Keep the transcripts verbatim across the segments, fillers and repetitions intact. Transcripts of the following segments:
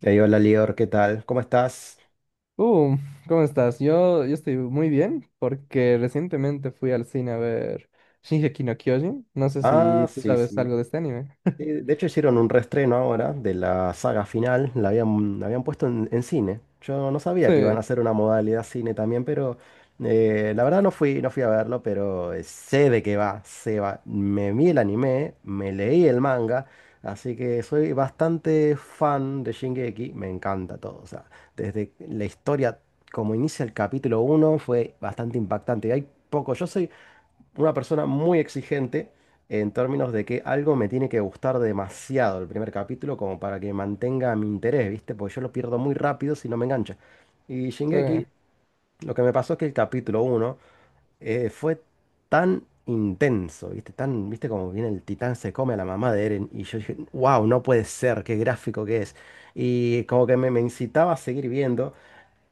Ey, hola Lior, ¿qué tal? ¿Cómo estás? Uh, ¿cómo estás? Yo, yo estoy muy bien porque recientemente fui al cine a ver Shingeki no Kyojin. No sé Ah, si tú sí, sabes sí. algo de este anime. Sí, de hecho hicieron un reestreno ahora de la saga final, la habían, la habían puesto en, en cine. Yo no sabía que iban a Sí, hacer una modalidad cine también, pero eh, la verdad no fui, no fui a verlo, pero eh, sé de qué va, sé va. Me vi el anime, me leí el manga, así que soy bastante fan de Shingeki, me encanta todo. O sea, desde la historia, como inicia el capítulo uno fue bastante impactante. Hay poco, yo soy una persona muy exigente en términos de que algo me tiene que gustar demasiado el primer capítulo como para que mantenga mi interés, ¿viste? Porque yo lo pierdo muy rápido si no me engancha. Y sí. Shingeki, lo que me pasó es que el capítulo uno eh, fue tan intenso, ¿viste? Tan, ¿viste como viene el titán se come a la mamá de Eren? Y yo dije, wow, no puede ser, qué gráfico que es. Y como que me, me incitaba a seguir viendo.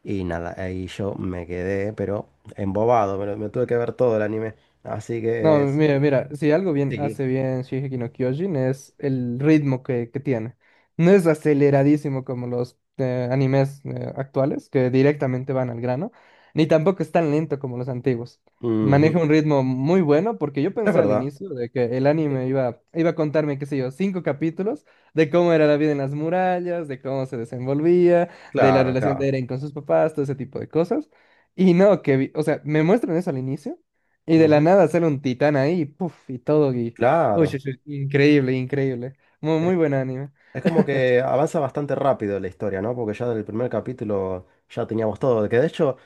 Y nada, ahí yo me quedé, pero embobado, me, lo- me tuve que ver todo el anime. Así No, que mira, sí, mira, si algo bien sí. hace bien Shingeki no Kyojin es el ritmo que, que tiene. No es aceleradísimo como los eh, animes eh, actuales, que directamente van al grano, ni tampoco es tan lento como los antiguos. Maneja Ujú. un ritmo muy bueno, porque yo Es pensé al verdad. inicio de que el anime Sí. iba, iba a contarme, qué sé yo, cinco capítulos de cómo era la vida en las murallas, de cómo se desenvolvía, de la Claro, relación claro. de Eren con sus papás, todo ese tipo de cosas. Y no, que, vi- o sea, me muestran eso al inicio. Y de la Ujú. nada sale un titán ahí, puff, y todo. Y... Uy, Claro. uy, uy, increíble, increíble. Muy, Es, muy buen anime. es como que avanza bastante rápido la historia, ¿no? Porque ya del primer capítulo ya teníamos todo. Que de hecho,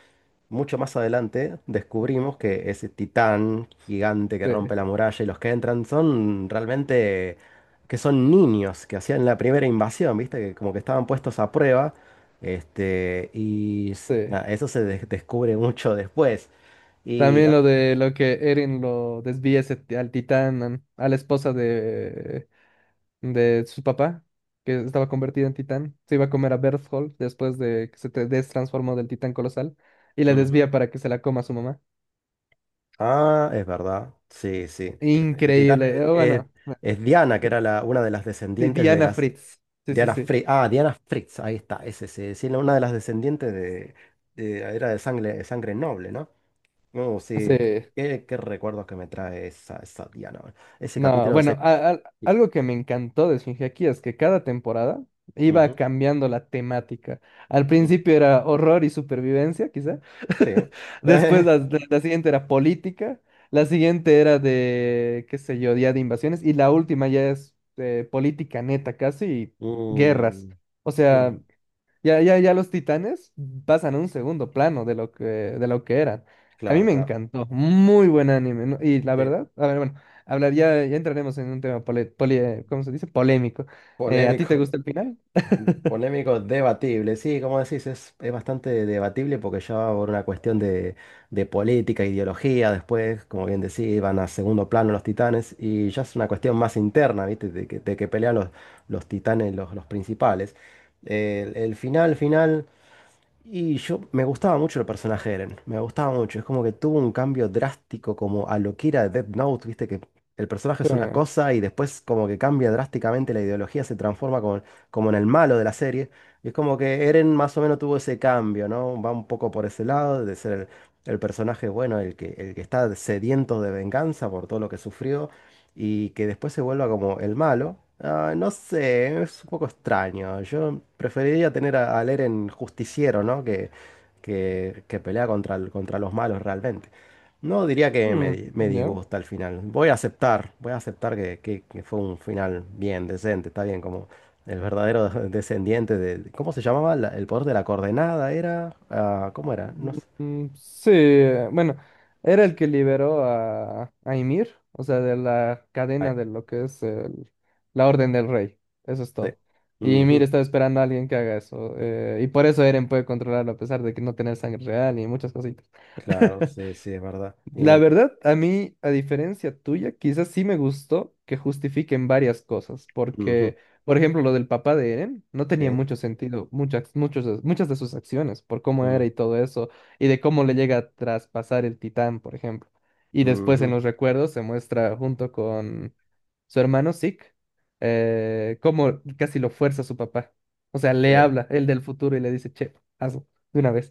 mucho más adelante descubrimos que ese titán gigante que Sí, rompe la muralla y los que entran son realmente que son niños que hacían la primera invasión, ¿viste? Que como que estaban puestos a prueba. Este, y s- sí. nada, eso se des- descubre mucho después. Y También la- lo de lo que Eren lo desvía ese ti- al titán, an- a la esposa de, de su papá, que estaba convertida en titán. Se iba a comer a Berthold después de que se te- destransformó del titán colosal. Y la Ujú. desvía para que se la coma su mamá. Ah, es verdad. Sí, sí. Que el titán Increíble. es, eh, es- Bueno, es Diana, que era la- una de las Di- descendientes de Diana las Fritz. Sí, sí, Diana sí. Fritz. Ah, Diana Fritz, ahí está, ese sí, sí, no, una de las descendientes de, de- era de sangre, de sangre noble, ¿no? No, Sí. sí, qué, qué- qué recuerdos que me trae esa, esa, Diana. Bueno, ese No, capítulo bueno, se. a- a- Sí. algo que me encantó de Shingeki es que cada temporada iba Ujú, cambiando la temática. Al mm, principio era horror y supervivencia, quizá. sí. Después la, la- la siguiente era política. La siguiente era de, qué sé yo, día de invasiones. Y la última ya es eh, política neta, casi, y guerras. Mm, O sea, mm, ya, ya, ya los titanes pasan a un segundo plano de lo que, de lo que eran. A mí claro, me claro. encantó, muy buen anime, ¿no? Y la Sí. verdad, a ver, bueno, hablar, ya, ya entraremos en un tema pole- poli- eh, ¿cómo se dice? Polémico. Eh, ¿a ti Polémico. te gusta el final? Polémico, debatible, sí, como decís, es, es bastante debatible porque ya va por una cuestión de, de política, ideología, después, como bien decís, van a segundo plano los titanes y ya es una cuestión más interna, ¿viste? De que, de que pelean los, los titanes, los, los principales. El, el final, final. Y yo me gustaba mucho el personaje de Eren, me gustaba mucho. Es como que tuvo un cambio drástico como a lo que era Death Note, viste que el personaje Sí. es una cosa y después como que cambia drásticamente la ideología, se transforma como, como en el malo de la serie. Y es como que Eren más o menos tuvo ese cambio, ¿no? Va un poco por ese lado de ser el, el personaje bueno, el que, el que está sediento de venganza por todo lo que sufrió y que después se vuelva como el malo, ah, no sé, es un poco extraño. Yo preferiría tener a, a Eren justiciero, ¿no? Que, que, que pelea contra, el- contra los malos realmente. No diría que me, Mm, di- me ¿ya? disgusta al final. Voy a aceptar, voy a aceptar que, que- que fue un final bien, decente, está bien, como el verdadero descendiente de. ¿Cómo se llamaba? La- el poder de la coordenada era, ah, ¿cómo era? No sé. Mm, Sí, eh, bueno, era el que liberó a, a Ymir, o sea, de la Ay, cadena de lo que es el- la Orden del Rey, eso es sí. todo. Y Ymir Ujú. estaba esperando a alguien que haga eso, eh, y por eso Eren puede controlarlo a pesar de que no tener sangre real y muchas cositas. Claro, sí, sí, es verdad. La Y- verdad, a mí, a diferencia tuya, quizás sí me gustó que justifiquen varias cosas, Ujú, porque, por ejemplo, lo del papá de Eren no tenía sí. mucho sentido, muchas, muchos, de- muchas de sus acciones, por cómo era y todo eso, y de cómo le llega a traspasar el titán, por ejemplo. Y después en Ujú, los recuerdos se muestra junto con su hermano Zeke, eh, cómo casi lo fuerza su papá. O sea, le sí, habla, él del futuro, y le dice, che, hazlo, de una vez.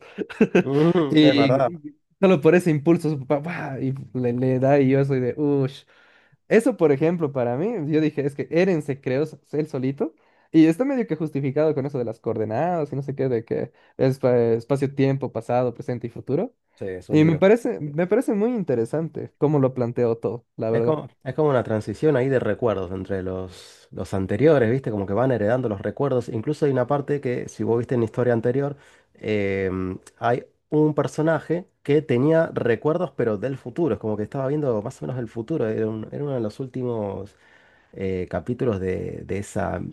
ujú, es verdad. Y solo por ese impulso su papá ¡guau! Y le, le da y yo soy de uff. Eso, por ejemplo, para mí, yo dije, es que Eren se creó s- él solito y está medio que justificado con eso de las coordenadas y no sé qué, de que es eh, espacio-tiempo, pasado, presente y futuro. Sí, es un Y me lío. parece, me parece muy interesante cómo lo planteó todo, la Es verdad. como, es como una transición ahí de recuerdos entre los, los anteriores, ¿viste? Como que van heredando los recuerdos. Incluso hay una parte que, si vos viste en la historia anterior, em, hay un personaje que tenía recuerdos, pero del futuro. Es como que estaba viendo más o menos el futuro. Era, un- era uno de los últimos eh, capítulos de, de esa mm,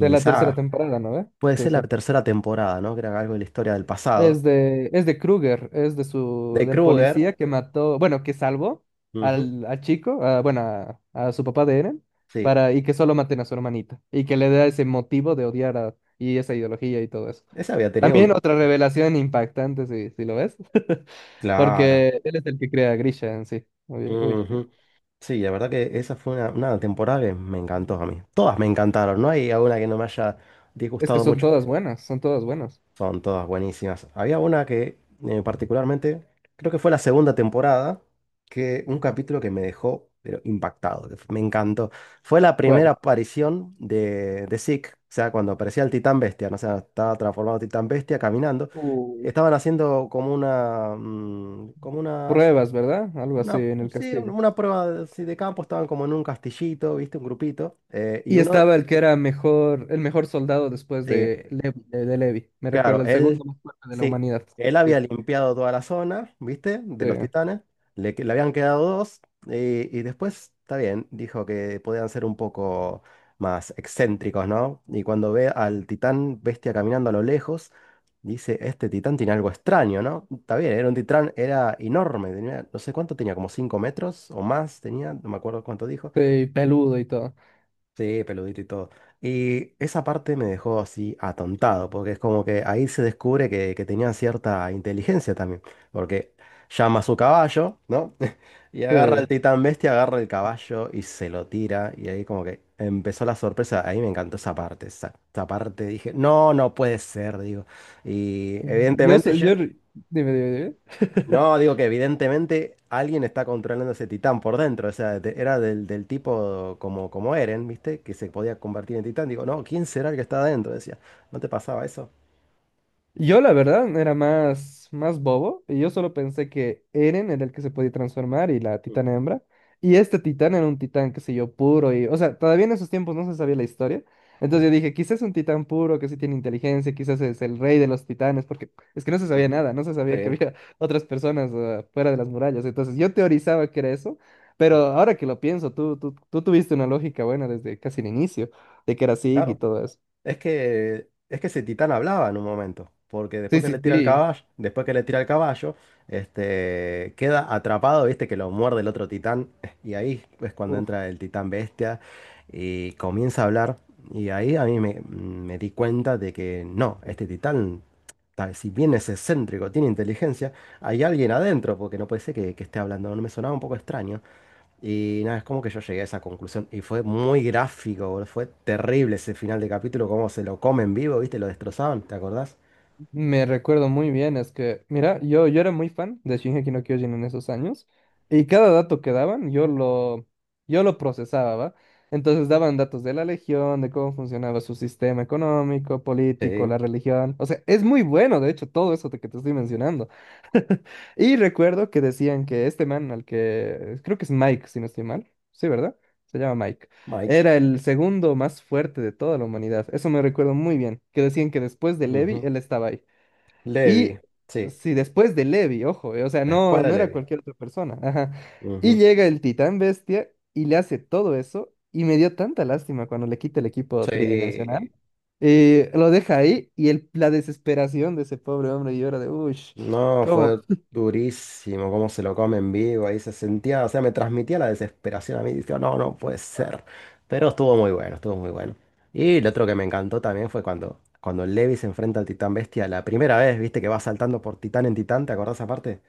De la tercera saga. temporada, ¿no ve? Puede Sí, ser la sí. tercera temporada, ¿no? Que era algo de la historia del pasado. Es de, es de Kruger, es de su, De del Kruger. policía que mató, bueno, que salvó Ujú. al, al chico, a- bueno, a, a su papá de Eren, Sí. para, y que solo maten a su hermanita, y que le da ese motivo de odiar a, y esa ideología y todo eso. Esa había tenido un. También otra revelación impactante, si, si lo ves, Claro. porque él es el que crea a Grisha en sí. Uy, uy. Ujú. Sí, la verdad que esa fue una, una temporada que me encantó a mí. Todas me encantaron, no hay alguna que no me haya Es que disgustado son mucho. todas buenas, son todas buenas. Son todas buenísimas. Había una que eh, particularmente, creo que fue la segunda temporada, que un capítulo que me dejó pero impactado, que me encantó. Fue la primera ¿Cuál? aparición de, de Zeke, o sea, cuando aparecía el Titán Bestia, ¿no? O sea, estaba transformado en Titán Bestia caminando. Uh, Estaban haciendo como una, mm, como una pruebas, ¿verdad? Algo así Una, en el sí, una castillo. una prueba de, sí, de campo, estaban como en un castillito, ¿viste? Un grupito. eh, y Y uno, estaba el que era mejor, el mejor soldado después sí, de Levi, de, de Levi. Me claro, recuerda el segundo él, más fuerte de la sí, humanidad. él Sí, había limpiado toda la zona, ¿viste? De sí, los titanes. Le, que- le habían quedado dos. Y, y después, está bien, dijo que podían ser un poco más excéntricos, ¿no? Y cuando ve al titán bestia caminando a lo lejos, dice, este titán tiene algo extraño, ¿no? Está bien, era un titán, era enorme, tenía, no sé cuánto tenía, como cinco metros o más, tenía, no me acuerdo cuánto dijo. sí, peludo y todo. Sí, peludito y todo. Y esa parte me dejó así atontado, porque es como que ahí se descubre que, que tenía cierta inteligencia también, porque llama a su caballo, ¿no? Y Sí. agarra el titán bestia, agarra el caballo y se lo tira, y ahí como que empezó la sorpresa, ahí me encantó esa parte, esa, esa parte dije, no, no puede ser, digo. Y Yo, evidentemente so- yo, yo, dime, dime, dime. no, digo que evidentemente alguien está controlando ese titán por dentro. O sea, de- era del, del tipo como, como Eren, ¿viste? Que se podía convertir en titán. Digo, no, ¿quién será el que está adentro? Decía, ¿no te pasaba eso? Yo la verdad era más, más bobo y yo solo pensé que Eren era el que se podía transformar y la Mm, titana hembra. Y este titán era un titán, qué sé yo, puro y, o sea, todavía en esos tiempos no se sabía la historia. mm, Entonces yo dije, quizás es un titán puro que sí tiene inteligencia, quizás es el rey de los titanes, porque es que no se sabía ujú. nada, no se sabía que Sí, había otras personas eh, fuera de las murallas. Entonces yo teorizaba que era eso, pero ujú, ahora que lo pienso, tú, tú, tú tuviste una lógica buena desde casi el inicio, de que era Zig y claro. todo eso. Es que, es que ese titán hablaba en un momento, porque Sí, después que sí, le tira el sí. caballo, después que le tira el caballo, este, queda atrapado, viste que lo muerde el otro titán, y ahí es cuando entra el titán bestia y comienza a hablar, y ahí a mí me, me di cuenta de que no, este titán, tal- si bien es excéntrico, tiene inteligencia, hay alguien adentro, porque no puede ser que, que esté hablando, no me sonaba un poco extraño. Y nada, es como que yo llegué a esa conclusión. Y fue muy gráfico, boludo. Fue terrible ese final de capítulo, cómo se lo comen vivo, ¿viste? Lo destrozaban, ¿te acordás? Me recuerdo muy bien, es que, mira, yo, yo era muy fan de Shingeki no Kyojin en esos años, y cada dato que daban, yo lo, yo lo procesaba, ¿va? Entonces daban datos de la legión, de cómo funcionaba su sistema económico, Sí, político, la religión. O sea, es muy bueno, de hecho, todo eso de que te estoy mencionando. Y recuerdo que decían que este man, al que creo que es Mike, si no estoy mal, sí, ¿verdad? Se llama Mike. Mike. Era el segundo más fuerte de toda la humanidad. Eso me recuerdo muy bien, que decían que después de Levi, Ujú. él estaba ahí. Levi, Y sí. si después de Levi, ojo, eh, o sea, Después no, de no era Levi. cualquier otra persona. Ajá. Y Ujú. llega el titán bestia y le hace todo eso. Y me dio tanta lástima cuando le quita el equipo tridimensional. Sí. Eh, lo deja ahí y el, la desesperación de ese pobre hombre y llora de, uy, No, ¿cómo? fue durísimo cómo se lo come en vivo, ahí se sentía, o sea, me transmitía la desesperación a mí, decía, no, no puede ser. Pero estuvo muy bueno, estuvo muy bueno. Y lo otro que me encantó también fue cuando, cuando Levi se enfrenta al Titán Bestia la primera vez, viste que va saltando por Titán en Titán, ¿te acordás aparte?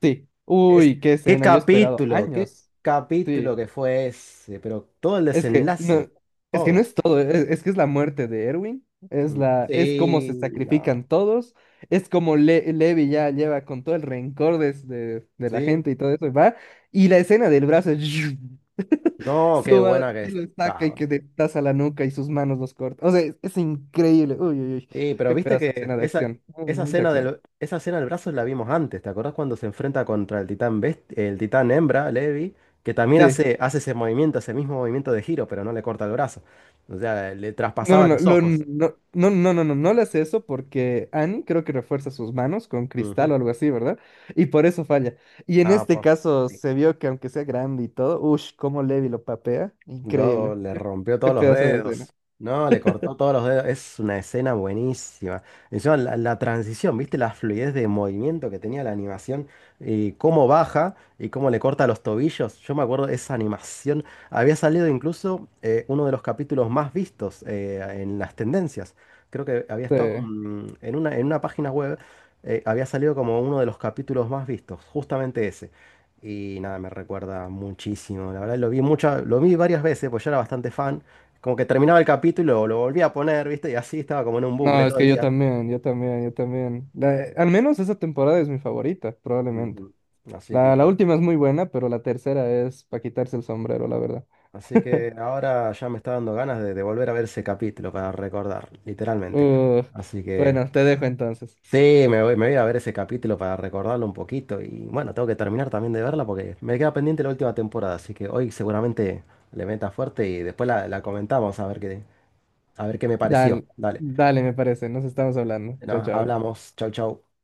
Sí, Es, uy, qué Qué escena, yo he esperado capítulo, qué años. capítulo Sí, que fue ese, pero todo el es que desenlace, no, es que no todo. es todo, es, es que es la muerte de Erwin, es Mm. la, es cómo Sí, se no, sacrifican todos, es como Le- Levi ya lleva con todo el rencor de, de- de la sí, gente y todo eso, y va, y la escena del brazo no, qué sumado, buena y que que lo saca y está. que destaza la nuca y sus manos los corta. O sea, es, es increíble. Uy, uy, uy. Sí, pero Qué viste pedazo de que escena de esa, acción. Uy, esa mucha escena acción. del, esa escena del brazo la vimos antes. ¿Te acordás cuando se enfrenta contra el titán best- el titán hembra, Levi? Que también Sí. hace, hace ese movimiento, ese mismo movimiento de giro, pero no le corta el brazo. O sea, le No, no, traspasaba no, los lo- ojos. no, no, no, no, no, no le hace eso porque Annie creo que refuerza sus manos con cristal Ujú. o algo así, ¿verdad? Y por eso falla. Y en Ah, este po. caso se vio que aunque sea grande y todo, uff, cómo Levi lo papea, Luego increíble. le rompió Qué todos los pedazo de escena. dedos. No, le cortó todos los dedos. Es una escena buenísima. Encima, la, la transición, ¿viste? La fluidez de movimiento que tenía la animación. Y cómo baja y cómo le corta los tobillos. Yo me acuerdo de esa animación. Había salido incluso eh, uno de los capítulos más vistos eh, en las tendencias. Creo que había Sí. estado mm, en una, en una página web. Eh, había salido como uno de los capítulos más vistos. Justamente ese. Y nada, me recuerda muchísimo. La verdad, lo vi muchas, lo vi varias veces, pues yo era bastante fan. Como que terminaba el capítulo, y lo, lo volvía a poner, ¿viste? Y así estaba como en un bucle No, es todo el que yo día. también, yo también, yo también. La- al menos esa temporada es mi favorita, probablemente. Ujú. Así La, la que, última es muy buena, pero la tercera es para quitarse el sombrero, la verdad. así que ahora ya me está dando ganas de, de volver a ver ese capítulo para recordar, literalmente. Uh, Así que bueno, te dejo entonces. sí, me voy, me voy a ver ese capítulo para recordarlo un poquito. Y bueno, tengo que terminar también de verla porque me queda pendiente la última temporada. Así que hoy seguramente le meta fuerte y después la, la comentamos a ver qué, a ver qué me pareció. Dale, Dale. dale, me parece. Nos estamos hablando. Chao, No, chao. hablamos. Chau, chau.